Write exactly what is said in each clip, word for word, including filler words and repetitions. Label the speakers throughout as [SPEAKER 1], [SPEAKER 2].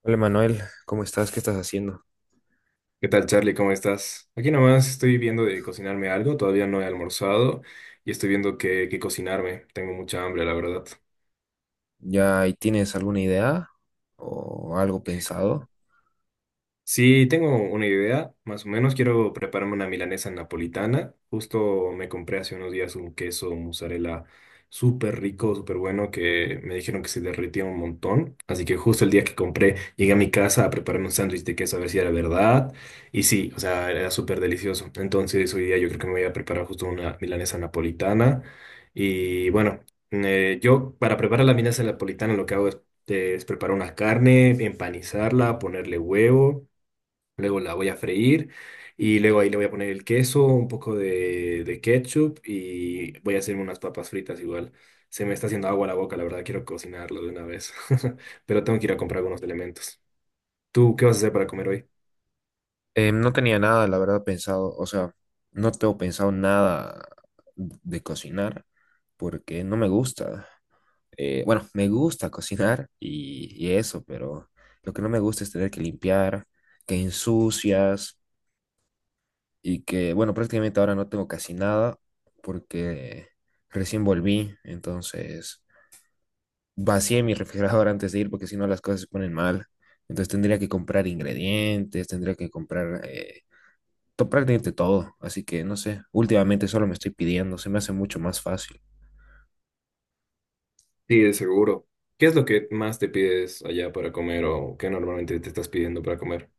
[SPEAKER 1] Hola Manuel, ¿cómo estás? ¿Qué estás haciendo?
[SPEAKER 2] ¿Qué tal, Charlie? ¿Cómo estás? Aquí nomás estoy viendo de cocinarme algo, todavía no he almorzado y estoy viendo qué, qué cocinarme. Tengo mucha hambre, la verdad.
[SPEAKER 1] ¿Ya ahí tienes alguna idea o algo pensado?
[SPEAKER 2] Sí, tengo una idea, más o menos quiero prepararme una milanesa napolitana. Justo me compré hace unos días un queso mozzarella súper rico, súper bueno, que me dijeron que se derretía un montón. Así que justo el día que compré, llegué a mi casa a prepararme un sándwich de queso a ver si era verdad. Y sí, o sea, era súper delicioso. Entonces hoy día yo creo que me voy a preparar justo una milanesa napolitana. Y bueno, eh, yo para preparar la milanesa napolitana lo que hago es, eh, es preparar una carne, empanizarla, ponerle huevo. Luego la voy a freír y luego ahí le voy a poner el queso, un poco de, de ketchup y voy a hacer unas papas fritas igual. Se me está haciendo agua la boca, la verdad, quiero cocinarlo de una vez, pero tengo que ir a comprar algunos elementos. ¿Tú qué vas a hacer para comer hoy?
[SPEAKER 1] Eh, no tenía nada, la verdad, pensado. O sea, no tengo pensado nada de cocinar porque no me gusta. Eh, bueno, me gusta cocinar y, y eso, pero lo que no me gusta es tener que limpiar, que ensucias y que, bueno, prácticamente ahora no tengo casi nada porque recién volví, entonces vacié mi refrigerador antes de ir porque si no las cosas se ponen mal. Entonces tendría que comprar ingredientes, tendría que comprar eh, to- prácticamente todo. Así que no sé, últimamente solo me estoy pidiendo, se me hace mucho más fácil.
[SPEAKER 2] Sí, de seguro. ¿Qué es lo que más te pides allá para comer o qué normalmente te estás pidiendo para comer?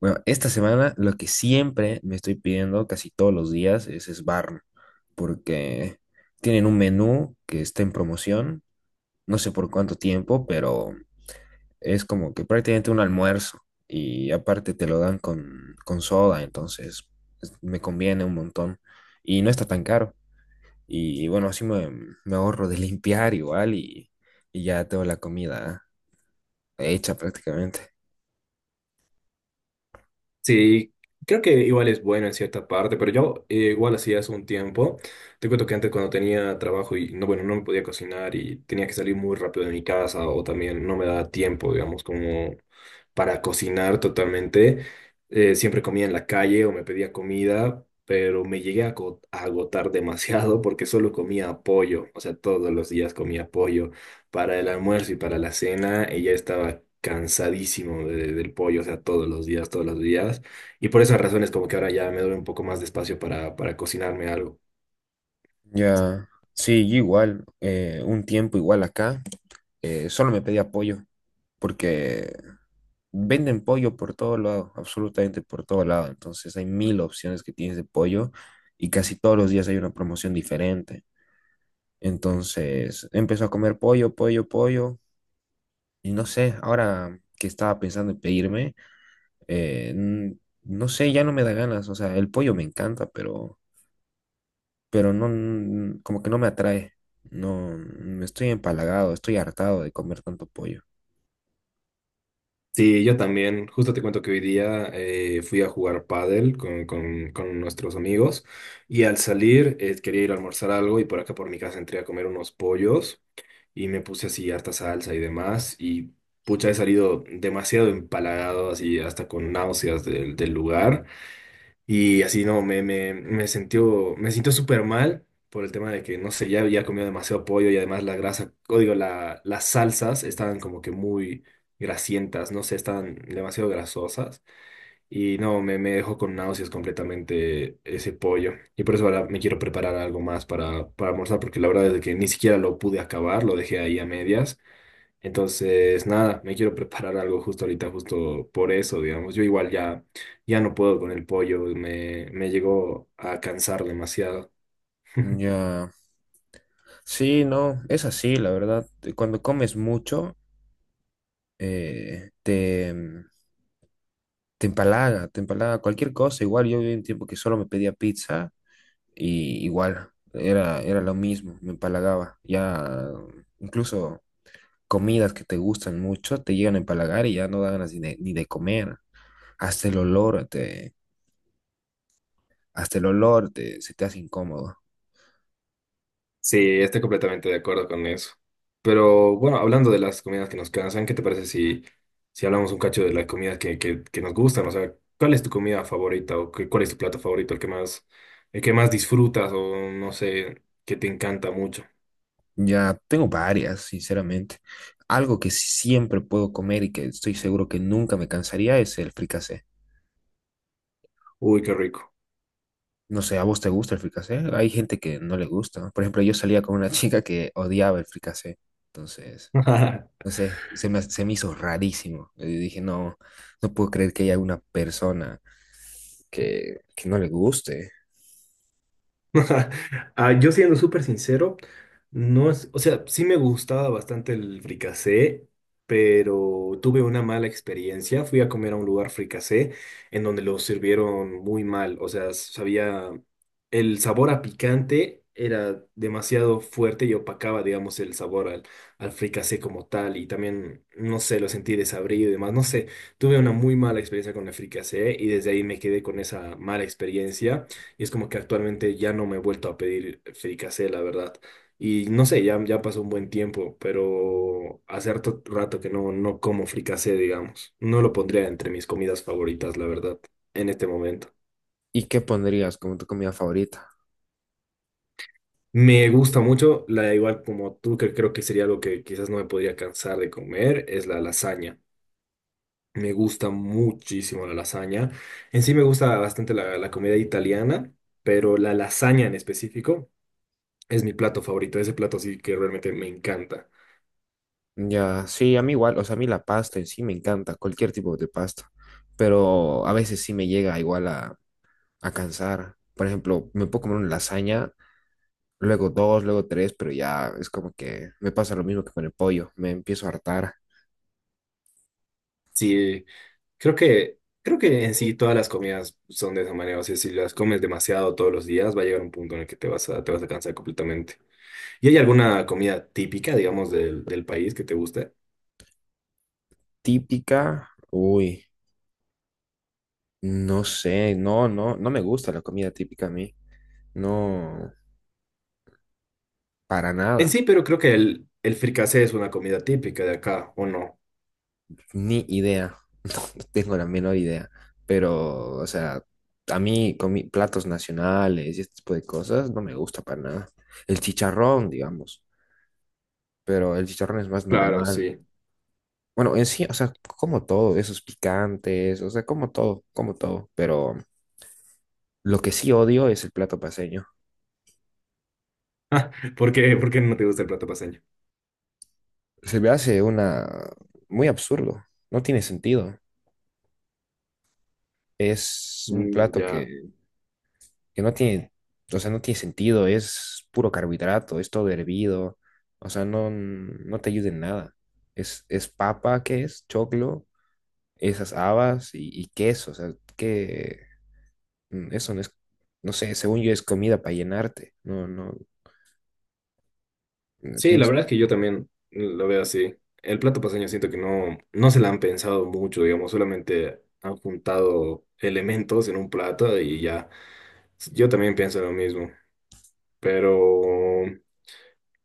[SPEAKER 1] Bueno, esta semana lo que siempre me estoy pidiendo casi todos los días es Sbarn, porque tienen un menú que está en promoción, no sé por cuánto tiempo, pero es como que prácticamente un almuerzo y aparte te lo dan con, con soda, entonces es- me conviene un montón y no está tan caro. Y, bueno, así me, me ahorro de limpiar igual y, y ya tengo la comida hecha prácticamente.
[SPEAKER 2] Sí, creo que igual es bueno en cierta parte, pero yo eh, igual hacía hace un tiempo. Te cuento que antes cuando tenía trabajo y no, bueno, no me podía cocinar y tenía que salir muy rápido de mi casa o también no me daba tiempo, digamos, como para cocinar totalmente. Eh, siempre comía en la calle o me pedía comida, pero me llegué a ago- a agotar demasiado porque solo comía pollo, o sea, todos los días comía pollo. Para el almuerzo y para la cena, ella estaba cansadísimo de- del pollo, o sea, todos los días, todos los días. Y por esas razones, como que ahora ya me doy un poco más de espacio para, para cocinarme algo.
[SPEAKER 1] Ya, sí, yo igual, eh, un tiempo igual acá, eh, solo me pedía pollo porque venden pollo por todo lado, absolutamente por todo lado, entonces hay mil opciones que tienes de pollo y casi todos los días hay una promoción diferente. Entonces empezó a comer pollo, pollo, pollo. Y no sé, ahora que estaba pensando en pedirme, eh, n- no sé, ya no me da ganas. O sea, el pollo me encanta, pero, pero no, n- como que no me atrae. No, me estoy empalagado, estoy hartado de comer tanto pollo.
[SPEAKER 2] Sí, yo también. Justo te cuento que hoy día eh, fui a jugar pádel con, con, con nuestros amigos y al salir eh, quería ir a almorzar algo y por acá por mi casa entré a comer unos pollos y me puse así harta salsa y demás y pucha, he salido demasiado empalagado, así hasta con náuseas del del lugar. Y así, no, me, me, me sintió, me sintió súper mal por el tema de que, no sé, ya había comido demasiado pollo y además la grasa, o digo, la, las salsas estaban como que muy grasientas, no sé, estaban demasiado grasosas. Y no, me, me dejó con náuseas completamente ese pollo. Y por eso ahora me quiero preparar algo más para, para almorzar, porque la verdad es de que ni siquiera lo pude acabar, lo dejé ahí a medias. Entonces, nada, me quiero preparar algo justo ahorita, justo por eso, digamos. Yo igual ya, ya no puedo con el pollo, me, me llegó a cansar demasiado.
[SPEAKER 1] Ya, sí, no, es así, la verdad. eh, Cuando comes mucho, eh, te, te empalaga, te empalaga cualquier cosa. Igual yo viví un tiempo que solo me pedía pizza. Y igual, era, era lo mismo, me empalagaba. Ya incluso comidas que te gustan mucho te llegan a empalagar y ya no dan ganas ni de, ni de comer. Hasta el olor te, hasta el olor te, se te hace incómodo.
[SPEAKER 2] Sí, estoy completamente de acuerdo con eso. Pero bueno, hablando de las comidas que nos cansan, ¿qué te parece si, si hablamos un cacho de las comidas que, que, que nos gustan? O sea, ¿cuál es tu comida favorita o qué- cuál es tu plato favorito, el que más, el que más disfrutas o no sé, que te encanta mucho?
[SPEAKER 1] Ya tengo varias, sinceramente. Algo que sí siempre puedo comer y que estoy seguro que nunca me cansaría es el fricasé.
[SPEAKER 2] Uy, qué rico.
[SPEAKER 1] No sé, ¿a vos te gusta el fricasé? Hay gente que no le gusta. Por ejemplo, yo salía con una chica que odiaba el fricasé. Entonces no sé, se me, se me hizo rarísimo. Y dije, no, no puedo creer que haya una persona que, que no le guste.
[SPEAKER 2] Ah, yo siendo súper sincero, no es, o sea, sí me gustaba bastante el fricasé, pero tuve una mala experiencia. Fui a comer a un lugar fricasé en donde lo sirvieron muy mal. O sea, sabía, el sabor a picante era demasiado fuerte y opacaba, digamos, el sabor al, al fricasé como tal. Y también, no sé, lo sentí desabrido y demás. No sé, tuve una muy mala experiencia con el fricasé y desde ahí me quedé con esa mala experiencia. Y es como que actualmente ya no me he vuelto a pedir fricasé, la verdad. Y no sé, ya, ya pasó un buen tiempo, pero hace harto rato que no, no como fricasé, digamos. No lo pondría entre mis comidas favoritas, la verdad, en este momento.
[SPEAKER 1] ¿Y qué pondrías como tu comida favorita?
[SPEAKER 2] Me gusta mucho, la igual como tú, que creo que sería algo que quizás no me podría cansar de comer, es la lasaña. Me gusta muchísimo la lasaña. En sí me gusta bastante la, la comida italiana, pero la lasaña en específico. Es mi plato favorito, ese plato sí que realmente me encanta.
[SPEAKER 1] Ya, sí, a mí igual, o sea, a mí la pasta en sí me encanta, cualquier tipo de pasta, pero a veces sí me llega igual a, a cansar. Por ejemplo, me puedo comer una lasaña, luego dos, luego tres, pero ya es como que me pasa lo mismo que con el pollo, me empiezo a hartar.
[SPEAKER 2] Sí, creo que, creo que en sí todas las comidas son de esa manera. O sea, si las comes demasiado todos los días, va a llegar un punto en el que te vas a, te vas a cansar completamente. ¿Y hay alguna comida típica, digamos, del, del país que te guste?
[SPEAKER 1] Típica, uy, no sé, no, no, no me gusta la comida típica a mí. No, para
[SPEAKER 2] En
[SPEAKER 1] nada,
[SPEAKER 2] sí, pero creo que el, el fricasé es una comida típica de acá, ¿o no?
[SPEAKER 1] ni idea, no, no tengo la menor idea, pero, o sea, a mí con mi- platos nacionales y este tipo de cosas no me gusta para nada. El chicharrón, digamos, pero el chicharrón es más
[SPEAKER 2] Claro,
[SPEAKER 1] normal.
[SPEAKER 2] sí.
[SPEAKER 1] Bueno, en sí, o sea, como todo, esos picantes, o sea, como todo, como todo, pero lo que sí odio es el plato paceño.
[SPEAKER 2] ¿Por qué, por qué no te gusta el plato paceño?
[SPEAKER 1] Se me hace una, muy absurdo, no tiene sentido. Es un
[SPEAKER 2] Mm,
[SPEAKER 1] plato
[SPEAKER 2] ya.
[SPEAKER 1] que que no tiene, o sea, no tiene sentido, es puro carbohidrato, es todo hervido, o sea, no, no te ayuda en nada. Es, es papa, ¿qué es? Choclo, esas habas y, y queso, o sea, que mm, eso no es, no sé, según yo es comida para llenarte, no, no, mm,
[SPEAKER 2] Sí, la verdad
[SPEAKER 1] pienso.
[SPEAKER 2] es que yo también lo veo así. El plato paceño siento que no, no se la han pensado mucho, digamos, solamente han juntado elementos en un plato y ya. Yo también pienso lo mismo, pero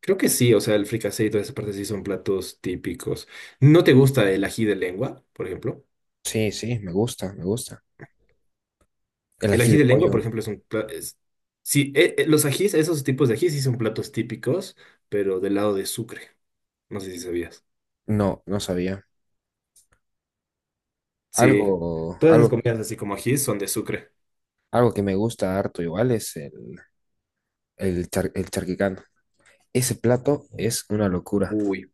[SPEAKER 2] creo que sí, o sea, el fricasé y toda esa parte sí son platos típicos. ¿No te gusta el ají de lengua, por ejemplo?
[SPEAKER 1] Sí, sí, me gusta, me gusta. El
[SPEAKER 2] El
[SPEAKER 1] ají
[SPEAKER 2] ají
[SPEAKER 1] de
[SPEAKER 2] de lengua, por
[SPEAKER 1] pollo,
[SPEAKER 2] ejemplo, es un plato... Sí, eh, eh, los ajís, esos tipos de ajís sí son platos típicos, pero del lado de Sucre. No sé si sabías.
[SPEAKER 1] no, no sabía.
[SPEAKER 2] Sí,
[SPEAKER 1] Algo,
[SPEAKER 2] todas esas
[SPEAKER 1] algo que,
[SPEAKER 2] comidas así como ají son de Sucre.
[SPEAKER 1] algo que me gusta harto igual es el, el, char- el charquicán. Ese plato es una locura.
[SPEAKER 2] Uy,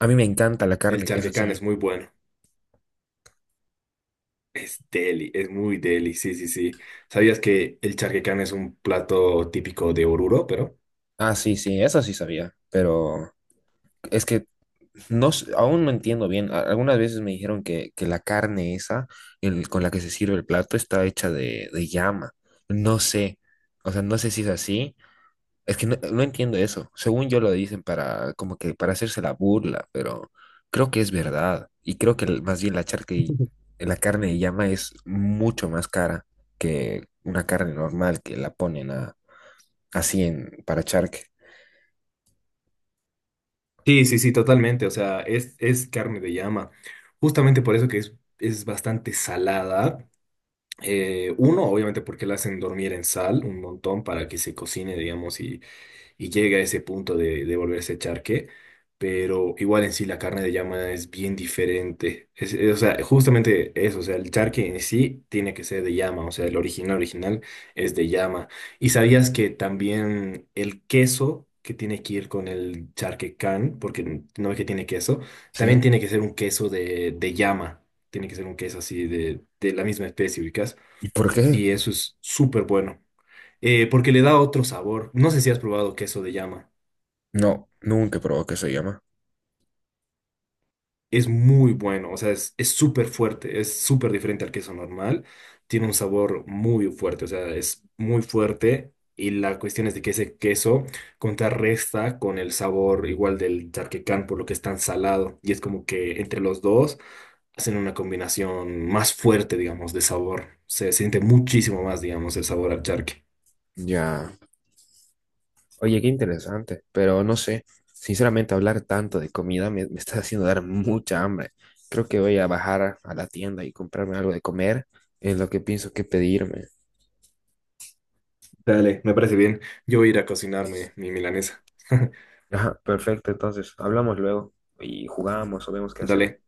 [SPEAKER 1] A mí me encanta la
[SPEAKER 2] el
[SPEAKER 1] carne que es
[SPEAKER 2] charquecán
[SPEAKER 1] así.
[SPEAKER 2] es muy bueno. Es deli, es muy deli, sí, sí, sí. ¿Sabías que el charquecán es un plato típico de Oruro, pero?
[SPEAKER 1] Ah, sí, sí, eso sí sabía, pero es que no, s- aún no entiendo bien. A- Algunas veces me dijeron que, que la carne esa el- con la que se sirve el plato está hecha de, de llama. No sé, o sea, no sé si es así. Es que no, no entiendo eso. Según yo lo dicen para como que para hacerse la burla, pero creo que es verdad. Y creo que el- más bien la charca y- la carne de llama es mucho más cara que una carne normal que la ponen así en, para charque,
[SPEAKER 2] Sí, sí, sí, totalmente. O sea, es, es carne de llama. Justamente por eso que es, es bastante salada. Eh, uno, obviamente porque la hacen dormir en sal un montón para que se cocine, digamos, y y llega a ese punto de, de volverse charque, pero igual en sí la carne de llama es bien diferente. Es- es- o sea, justamente eso, o sea, el charque en sí tiene que ser de llama, o sea, el original original es de llama. ¿Y sabías que también el queso que tiene que ir con el charque can, porque no es que tiene queso,
[SPEAKER 1] ¿sí?
[SPEAKER 2] también tiene que ser un queso de, de llama, tiene que ser un queso así de, de la misma especie, ubicas,
[SPEAKER 1] ¿Y por qué?
[SPEAKER 2] y eso es súper bueno. Eh, porque le da otro sabor. No sé si has probado queso de llama.
[SPEAKER 1] No, nunca probó que se llama.
[SPEAKER 2] Es muy bueno, o sea, es es súper fuerte, es súper diferente al queso normal, tiene un sabor muy fuerte, o sea, es muy fuerte y la cuestión es de que ese queso contrarresta con el sabor igual del charquecán, por lo que es tan salado y es como que entre los dos hacen una combinación más fuerte, digamos, de sabor, se siente muchísimo más, digamos, el sabor al charque.
[SPEAKER 1] Ya. Oye, qué interesante, pero no sé, sinceramente hablar tanto de comida me, me está haciendo dar mucha hambre. Creo que voy a bajar a la tienda y comprarme algo de comer, es lo que pienso que pedirme.
[SPEAKER 2] Dale, me parece bien. Yo voy a ir a cocinarme mi milanesa.
[SPEAKER 1] Ajá, perfecto, entonces hablamos luego y jugamos o vemos qué hacemos.
[SPEAKER 2] Dale,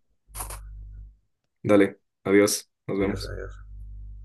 [SPEAKER 2] dale. Adiós. Nos
[SPEAKER 1] Adiós,
[SPEAKER 2] vemos.
[SPEAKER 1] adiós.